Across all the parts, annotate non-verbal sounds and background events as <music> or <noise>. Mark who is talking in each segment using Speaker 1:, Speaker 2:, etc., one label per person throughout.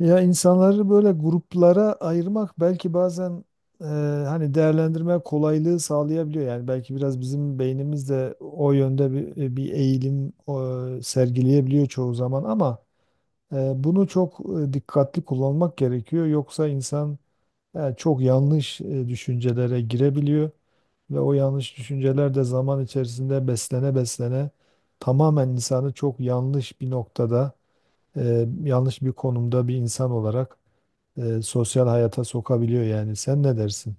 Speaker 1: Ya insanları böyle gruplara ayırmak belki bazen e, hani değerlendirme kolaylığı sağlayabiliyor. Yani belki biraz bizim beynimiz de o yönde bir eğilim sergileyebiliyor çoğu zaman ama bunu çok dikkatli kullanmak gerekiyor. Yoksa insan çok yanlış düşüncelere girebiliyor ve o yanlış düşünceler de zaman içerisinde beslene beslene tamamen insanı çok yanlış bir noktada, yanlış bir konumda bir insan olarak sosyal hayata sokabiliyor yani. Sen ne dersin?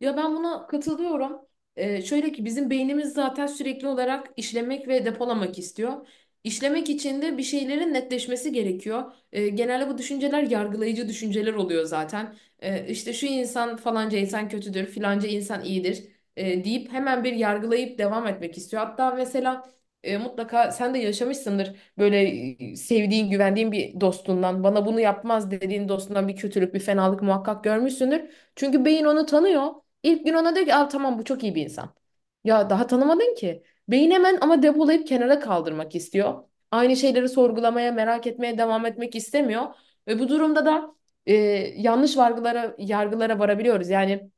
Speaker 2: Ya ben buna katılıyorum. Şöyle ki bizim beynimiz zaten sürekli olarak işlemek ve depolamak istiyor. İşlemek için de bir şeylerin netleşmesi gerekiyor. Genelde bu düşünceler yargılayıcı düşünceler oluyor zaten. İşte şu insan falanca insan kötüdür, filanca insan iyidir deyip hemen bir yargılayıp devam etmek istiyor. Hatta mesela mutlaka sen de yaşamışsındır böyle sevdiğin, güvendiğin bir dostundan, bana bunu yapmaz dediğin dostundan bir kötülük, bir fenalık muhakkak görmüşsündür. Çünkü beyin onu tanıyor. İlk gün ona diyor ki, aa, tamam bu çok iyi bir insan. Ya daha tanımadın ki. Beyin hemen ama depolayıp kenara kaldırmak istiyor. Aynı şeyleri sorgulamaya, merak etmeye devam etmek istemiyor. Ve bu durumda da e, yanlış yargılara varabiliyoruz. Yani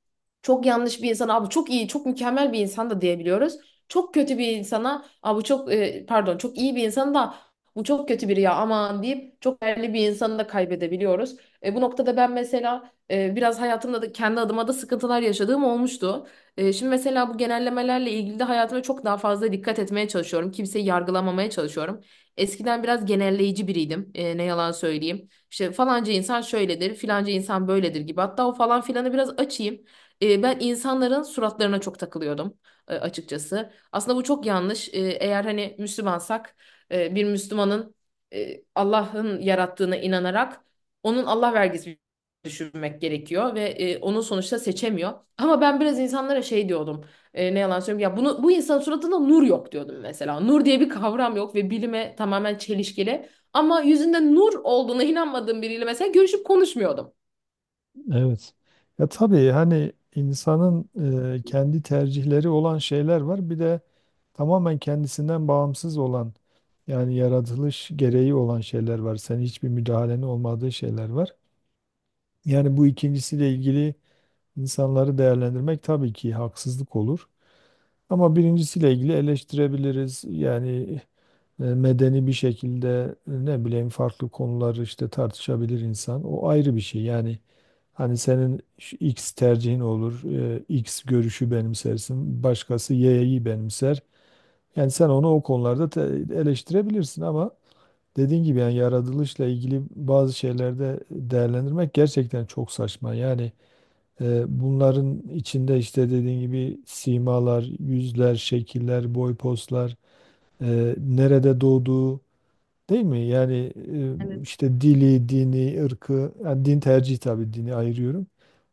Speaker 2: çok yanlış bir insana abi çok iyi, çok mükemmel bir insan da diyebiliyoruz. Çok kötü bir insana abi bu çok e, pardon çok iyi bir insan da bu çok kötü biri ya aman deyip çok değerli bir insanı da kaybedebiliyoruz. Bu noktada ben mesela biraz hayatımda da kendi adıma da sıkıntılar yaşadığım olmuştu. Şimdi mesela bu genellemelerle ilgili de hayatıma çok daha fazla dikkat etmeye çalışıyorum. Kimseyi yargılamamaya çalışıyorum. Eskiden biraz genelleyici biriydim. Ne yalan söyleyeyim. İşte falanca insan şöyledir, filanca insan böyledir gibi. Hatta o falan filanı biraz açayım. Ben insanların suratlarına çok takılıyordum açıkçası. Aslında bu çok yanlış. Eğer hani Müslümansak bir Müslümanın Allah'ın yarattığına inanarak onun Allah vergisi düşünmek gerekiyor ve onu sonuçta seçemiyor. Ama ben biraz insanlara şey diyordum. Ne yalan söyleyeyim ya bunu bu insanın suratında nur yok diyordum mesela. Nur diye bir kavram yok ve bilime tamamen çelişkili. Ama yüzünde nur olduğuna inanmadığım biriyle mesela görüşüp konuşmuyordum.
Speaker 1: Evet. Ya tabii hani insanın kendi tercihleri olan şeyler var. Bir de tamamen kendisinden bağımsız olan yani yaratılış gereği olan şeyler var. Senin hiçbir müdahalenin olmadığı şeyler var. Yani bu ikincisiyle ilgili insanları değerlendirmek tabii ki haksızlık olur. Ama birincisiyle ilgili eleştirebiliriz. Yani medeni bir şekilde ne bileyim farklı konuları işte tartışabilir insan. O ayrı bir şey. Yani hani senin şu X tercihin olur, X görüşü benimsersin, başkası Y'yi benimser. Yani sen onu o konularda eleştirebilirsin ama dediğin gibi yani yaratılışla ilgili bazı şeylerde değerlendirmek gerçekten çok saçma. Yani bunların içinde işte dediğin gibi simalar, yüzler, şekiller, boy, postlar, nerede doğduğu, değil mi? Yani
Speaker 2: Evet.
Speaker 1: işte dili, dini, ırkı, yani din tercihi tabii dini ayırıyorum.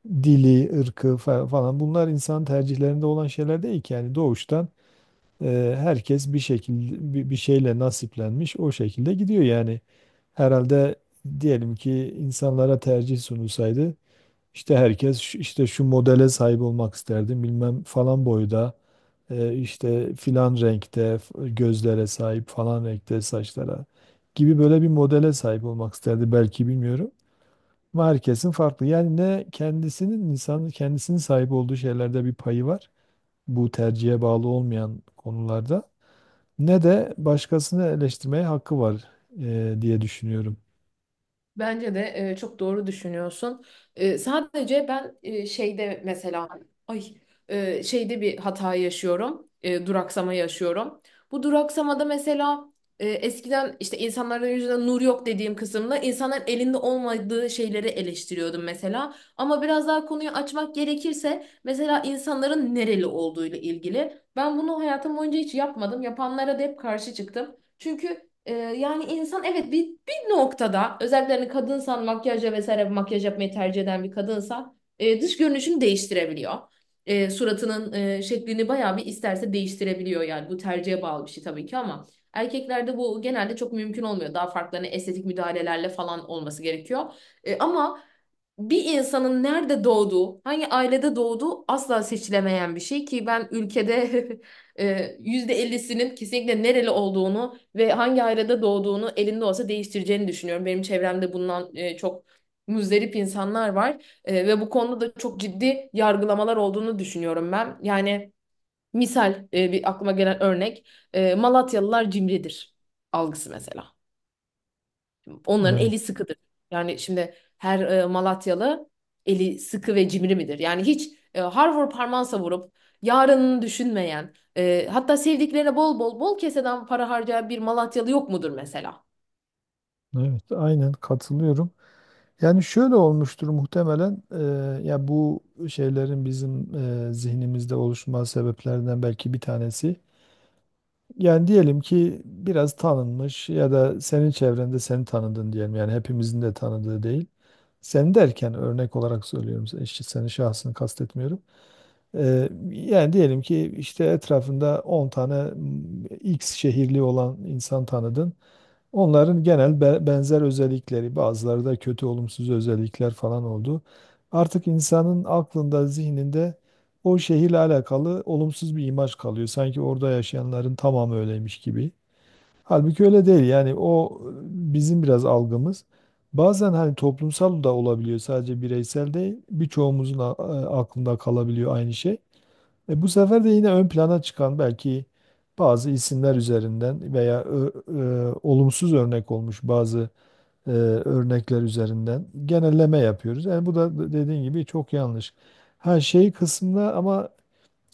Speaker 1: Dili, ırkı falan bunlar insan tercihlerinde olan şeyler değil ki. Yani doğuştan herkes bir şekilde bir şeyle nasiplenmiş o şekilde gidiyor yani. Herhalde diyelim ki insanlara tercih sunulsaydı işte herkes işte şu modele sahip olmak isterdim bilmem falan boyda işte filan renkte gözlere sahip falan renkte saçlara gibi böyle bir modele sahip olmak isterdi belki bilmiyorum. Ama herkesin farklı. Yani ne kendisinin insanın kendisinin sahip olduğu şeylerde bir payı var. Bu tercihe bağlı olmayan konularda. Ne de başkasını eleştirmeye hakkı var diye düşünüyorum.
Speaker 2: Bence de çok doğru düşünüyorsun. Sadece ben şeyde mesela ay şeyde bir hata yaşıyorum. Duraksama yaşıyorum. Bu duraksamada mesela eskiden işte insanların yüzünden nur yok dediğim kısımda insanların elinde olmadığı şeyleri eleştiriyordum mesela. Ama biraz daha konuyu açmak gerekirse mesela insanların nereli olduğuyla ilgili. Ben bunu hayatım boyunca hiç yapmadım. Yapanlara da hep karşı çıktım. Çünkü yani insan evet bir noktada özellikle hani kadınsan makyajla vesaire makyaj yapmayı tercih eden bir kadınsa dış görünüşünü değiştirebiliyor. Suratının şeklini bayağı bir isterse değiştirebiliyor, yani bu tercihe bağlı bir şey tabii ki, ama erkeklerde bu genelde çok mümkün olmuyor. Daha farklı hani estetik müdahalelerle falan olması gerekiyor. Ama bir insanın nerede doğduğu, hangi ailede doğduğu asla seçilemeyen bir şey ki ben ülkede <laughs> yüzde %50'sinin kesinlikle nereli olduğunu ve hangi ayrada doğduğunu elinde olsa değiştireceğini düşünüyorum. Benim çevremde bundan çok muzdarip insanlar var. Ve bu konuda da çok ciddi yargılamalar olduğunu düşünüyorum ben. Yani misal bir aklıma gelen örnek, Malatyalılar cimridir algısı mesela. Onların
Speaker 1: Evet,
Speaker 2: eli sıkıdır. Yani şimdi her Malatyalı eli sıkı ve cimri midir? Yani hiç harvur parmağı savurup yarınını düşünmeyen, hatta sevdiklerine bol bol bol keseden para harcayan bir Malatyalı yok mudur mesela?
Speaker 1: evet, aynen katılıyorum. Yani şöyle olmuştur muhtemelen ya bu şeylerin bizim zihnimizde oluşma sebeplerinden belki bir tanesi. Yani diyelim ki biraz tanınmış ya da senin çevrende seni tanıdın diyelim yani hepimizin de tanıdığı değil. Sen derken örnek olarak söylüyorum işte senin şahsını kastetmiyorum. Yani diyelim ki işte etrafında 10 tane X şehirli olan insan tanıdın. Onların genel benzer özellikleri, bazıları da kötü olumsuz özellikler falan oldu. Artık insanın aklında, zihninde o şehirle alakalı olumsuz bir imaj kalıyor. Sanki orada yaşayanların tamamı öyleymiş gibi. Halbuki öyle değil. Yani bizim biraz algımız. Bazen hani toplumsal da olabiliyor, sadece bireysel değil. Birçoğumuzun aklında kalabiliyor aynı şey. Bu sefer de yine ön plana çıkan belki bazı isimler üzerinden veya olumsuz örnek olmuş bazı örnekler üzerinden genelleme yapıyoruz. Yani bu da dediğin gibi çok yanlış. Her şey kısmında ama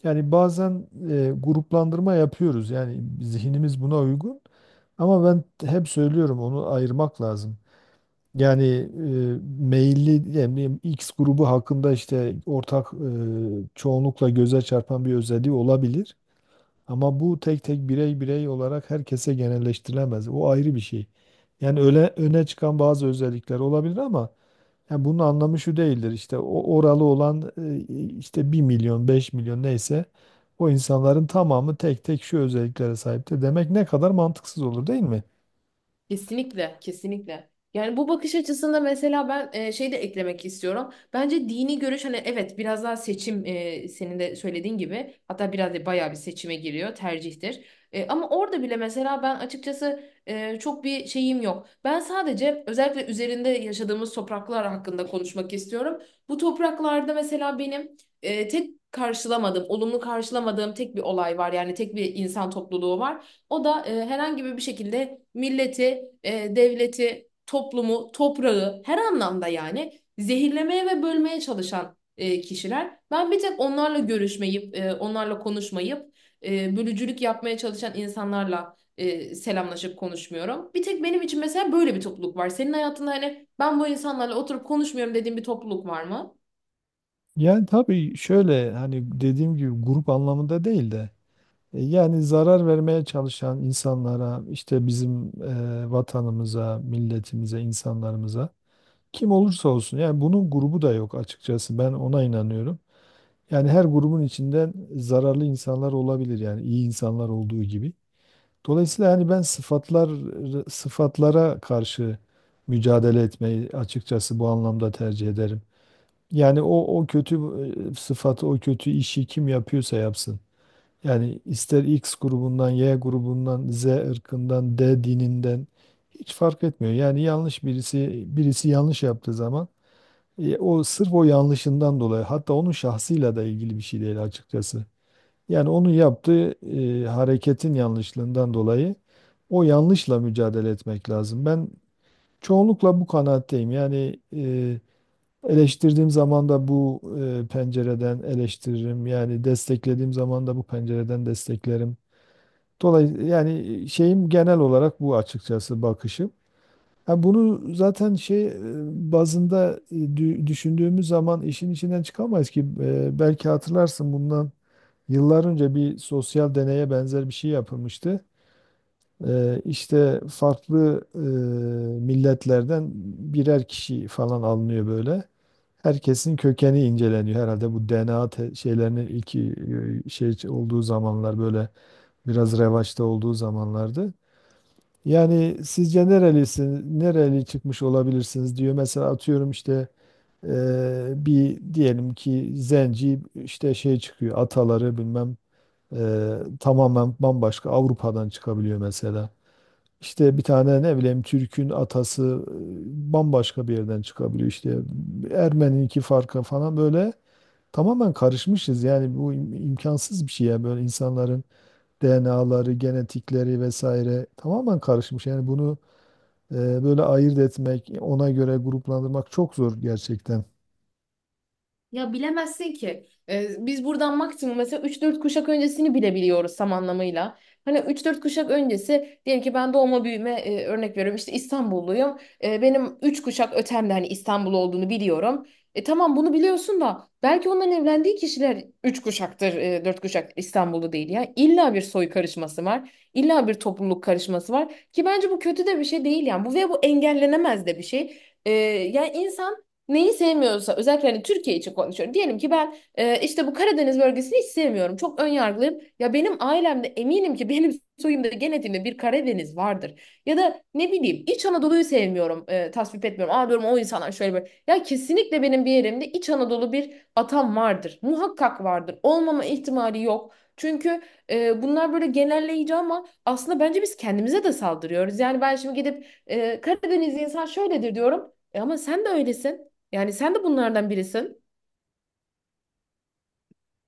Speaker 1: yani bazen gruplandırma yapıyoruz. Yani zihnimiz buna uygun. Ama ben hep söylüyorum onu ayırmak lazım. Yani meyilli yani bileyim, X grubu hakkında işte ortak çoğunlukla göze çarpan bir özelliği olabilir. Ama bu tek tek birey birey olarak herkese genelleştirilemez. O ayrı bir şey. Yani öyle öne çıkan bazı özellikler olabilir ama yani bunun anlamı şu değildir. İşte o oralı olan işte bir milyon, 5 milyon neyse o insanların tamamı tek tek şu özelliklere sahiptir. Demek ne kadar mantıksız olur, değil mi?
Speaker 2: Kesinlikle, kesinlikle. Yani bu bakış açısında mesela ben şey de eklemek istiyorum. Bence dini görüş, hani evet biraz daha seçim, senin de söylediğin gibi hatta biraz da bayağı bir seçime giriyor, tercihtir. Ama orada bile mesela ben açıkçası çok bir şeyim yok. Ben sadece özellikle üzerinde yaşadığımız topraklar hakkında konuşmak istiyorum. Bu topraklarda mesela benim tek karşılamadığım, olumlu karşılamadığım tek bir olay var. Yani tek bir insan topluluğu var. O da herhangi bir şekilde milleti, devleti, toplumu, toprağı her anlamda yani zehirlemeye ve bölmeye çalışan kişiler. Ben bir tek onlarla görüşmeyip, onlarla konuşmayıp, bölücülük yapmaya çalışan insanlarla selamlaşıp konuşmuyorum. Bir tek benim için mesela böyle bir topluluk var. Senin hayatında hani ben bu insanlarla oturup konuşmuyorum dediğin bir topluluk var mı?
Speaker 1: Yani tabii şöyle hani dediğim gibi grup anlamında değil de yani zarar vermeye çalışan insanlara işte bizim vatanımıza, milletimize, insanlarımıza kim olursa olsun yani bunun grubu da yok açıkçası ben ona inanıyorum. Yani her grubun içinden zararlı insanlar olabilir yani iyi insanlar olduğu gibi. Dolayısıyla hani ben sıfatlar sıfatlara karşı mücadele etmeyi açıkçası bu anlamda tercih ederim. Yani o kötü sıfatı, o kötü işi kim yapıyorsa yapsın. Yani ister X grubundan, Y grubundan, Z ırkından, D dininden hiç fark etmiyor. Yani yanlış birisi yanlış yaptığı zaman o sırf o yanlışından dolayı hatta onun şahsıyla da ilgili bir şey değil açıkçası. Yani onun yaptığı hareketin yanlışlığından dolayı o yanlışla mücadele etmek lazım. Ben çoğunlukla bu kanaatteyim. Eleştirdiğim zaman da bu pencereden eleştiririm. Yani desteklediğim zaman da bu pencereden desteklerim. Dolayısıyla yani şeyim genel olarak bu açıkçası bakışım. Ha bunu zaten bazında düşündüğümüz zaman işin içinden çıkamayız ki. E, belki hatırlarsın bundan yıllar önce bir sosyal deneye benzer bir şey yapılmıştı. İşte farklı milletlerden birer kişi falan alınıyor böyle. Herkesin kökeni inceleniyor herhalde bu DNA şeylerinin iki şey olduğu zamanlar böyle biraz revaçta olduğu zamanlardı. Yani sizce nerelisin, nereli çıkmış olabilirsiniz diyor. Mesela atıyorum işte bir diyelim ki zenci işte şey çıkıyor ataları bilmem e, tamamen bambaşka Avrupa'dan çıkabiliyor mesela. İşte bir tane ne bileyim Türk'ün atası bambaşka bir yerden çıkabiliyor işte Ermeni'ninki farkı falan böyle tamamen karışmışız yani bu imkansız bir şey ya böyle insanların DNA'ları, genetikleri vesaire tamamen karışmış yani bunu böyle ayırt etmek, ona göre gruplandırmak çok zor gerçekten.
Speaker 2: Ya bilemezsin ki. Biz buradan maksimum mesela üç dört kuşak öncesini bilebiliyoruz tam anlamıyla. Hani üç dört kuşak öncesi diyelim ki ben doğma büyüme, örnek veriyorum, işte İstanbulluyum. Benim 3 kuşak ötemde hani İstanbul olduğunu biliyorum. E tamam bunu biliyorsun da belki onların evlendiği kişiler 3 kuşaktır, 4 kuşak İstanbullu değil ya. İlla bir soy karışması var. İlla bir topluluk karışması var ki bence bu kötü de bir şey değil yani. Bu ve bu engellenemez de bir şey. Yani insan neyi sevmiyorsa, özellikle hani Türkiye için konuşuyorum. Diyelim ki ben işte bu Karadeniz bölgesini hiç sevmiyorum. Çok ön yargılıyım. Ya benim ailemde eminim ki benim <laughs> soyumda genetiğimde bir Karadeniz vardır. Ya da ne bileyim İç Anadolu'yu sevmiyorum. Tasvip etmiyorum. Aa diyorum o insanlar şöyle böyle. Ya kesinlikle benim bir yerimde İç Anadolu bir atam vardır. Muhakkak vardır. Olmama ihtimali yok. Çünkü bunlar böyle genelleyici, ama aslında bence biz kendimize de saldırıyoruz. Yani ben şimdi gidip Karadeniz insan şöyledir diyorum. E ama sen de öylesin. Yani sen de bunlardan birisin.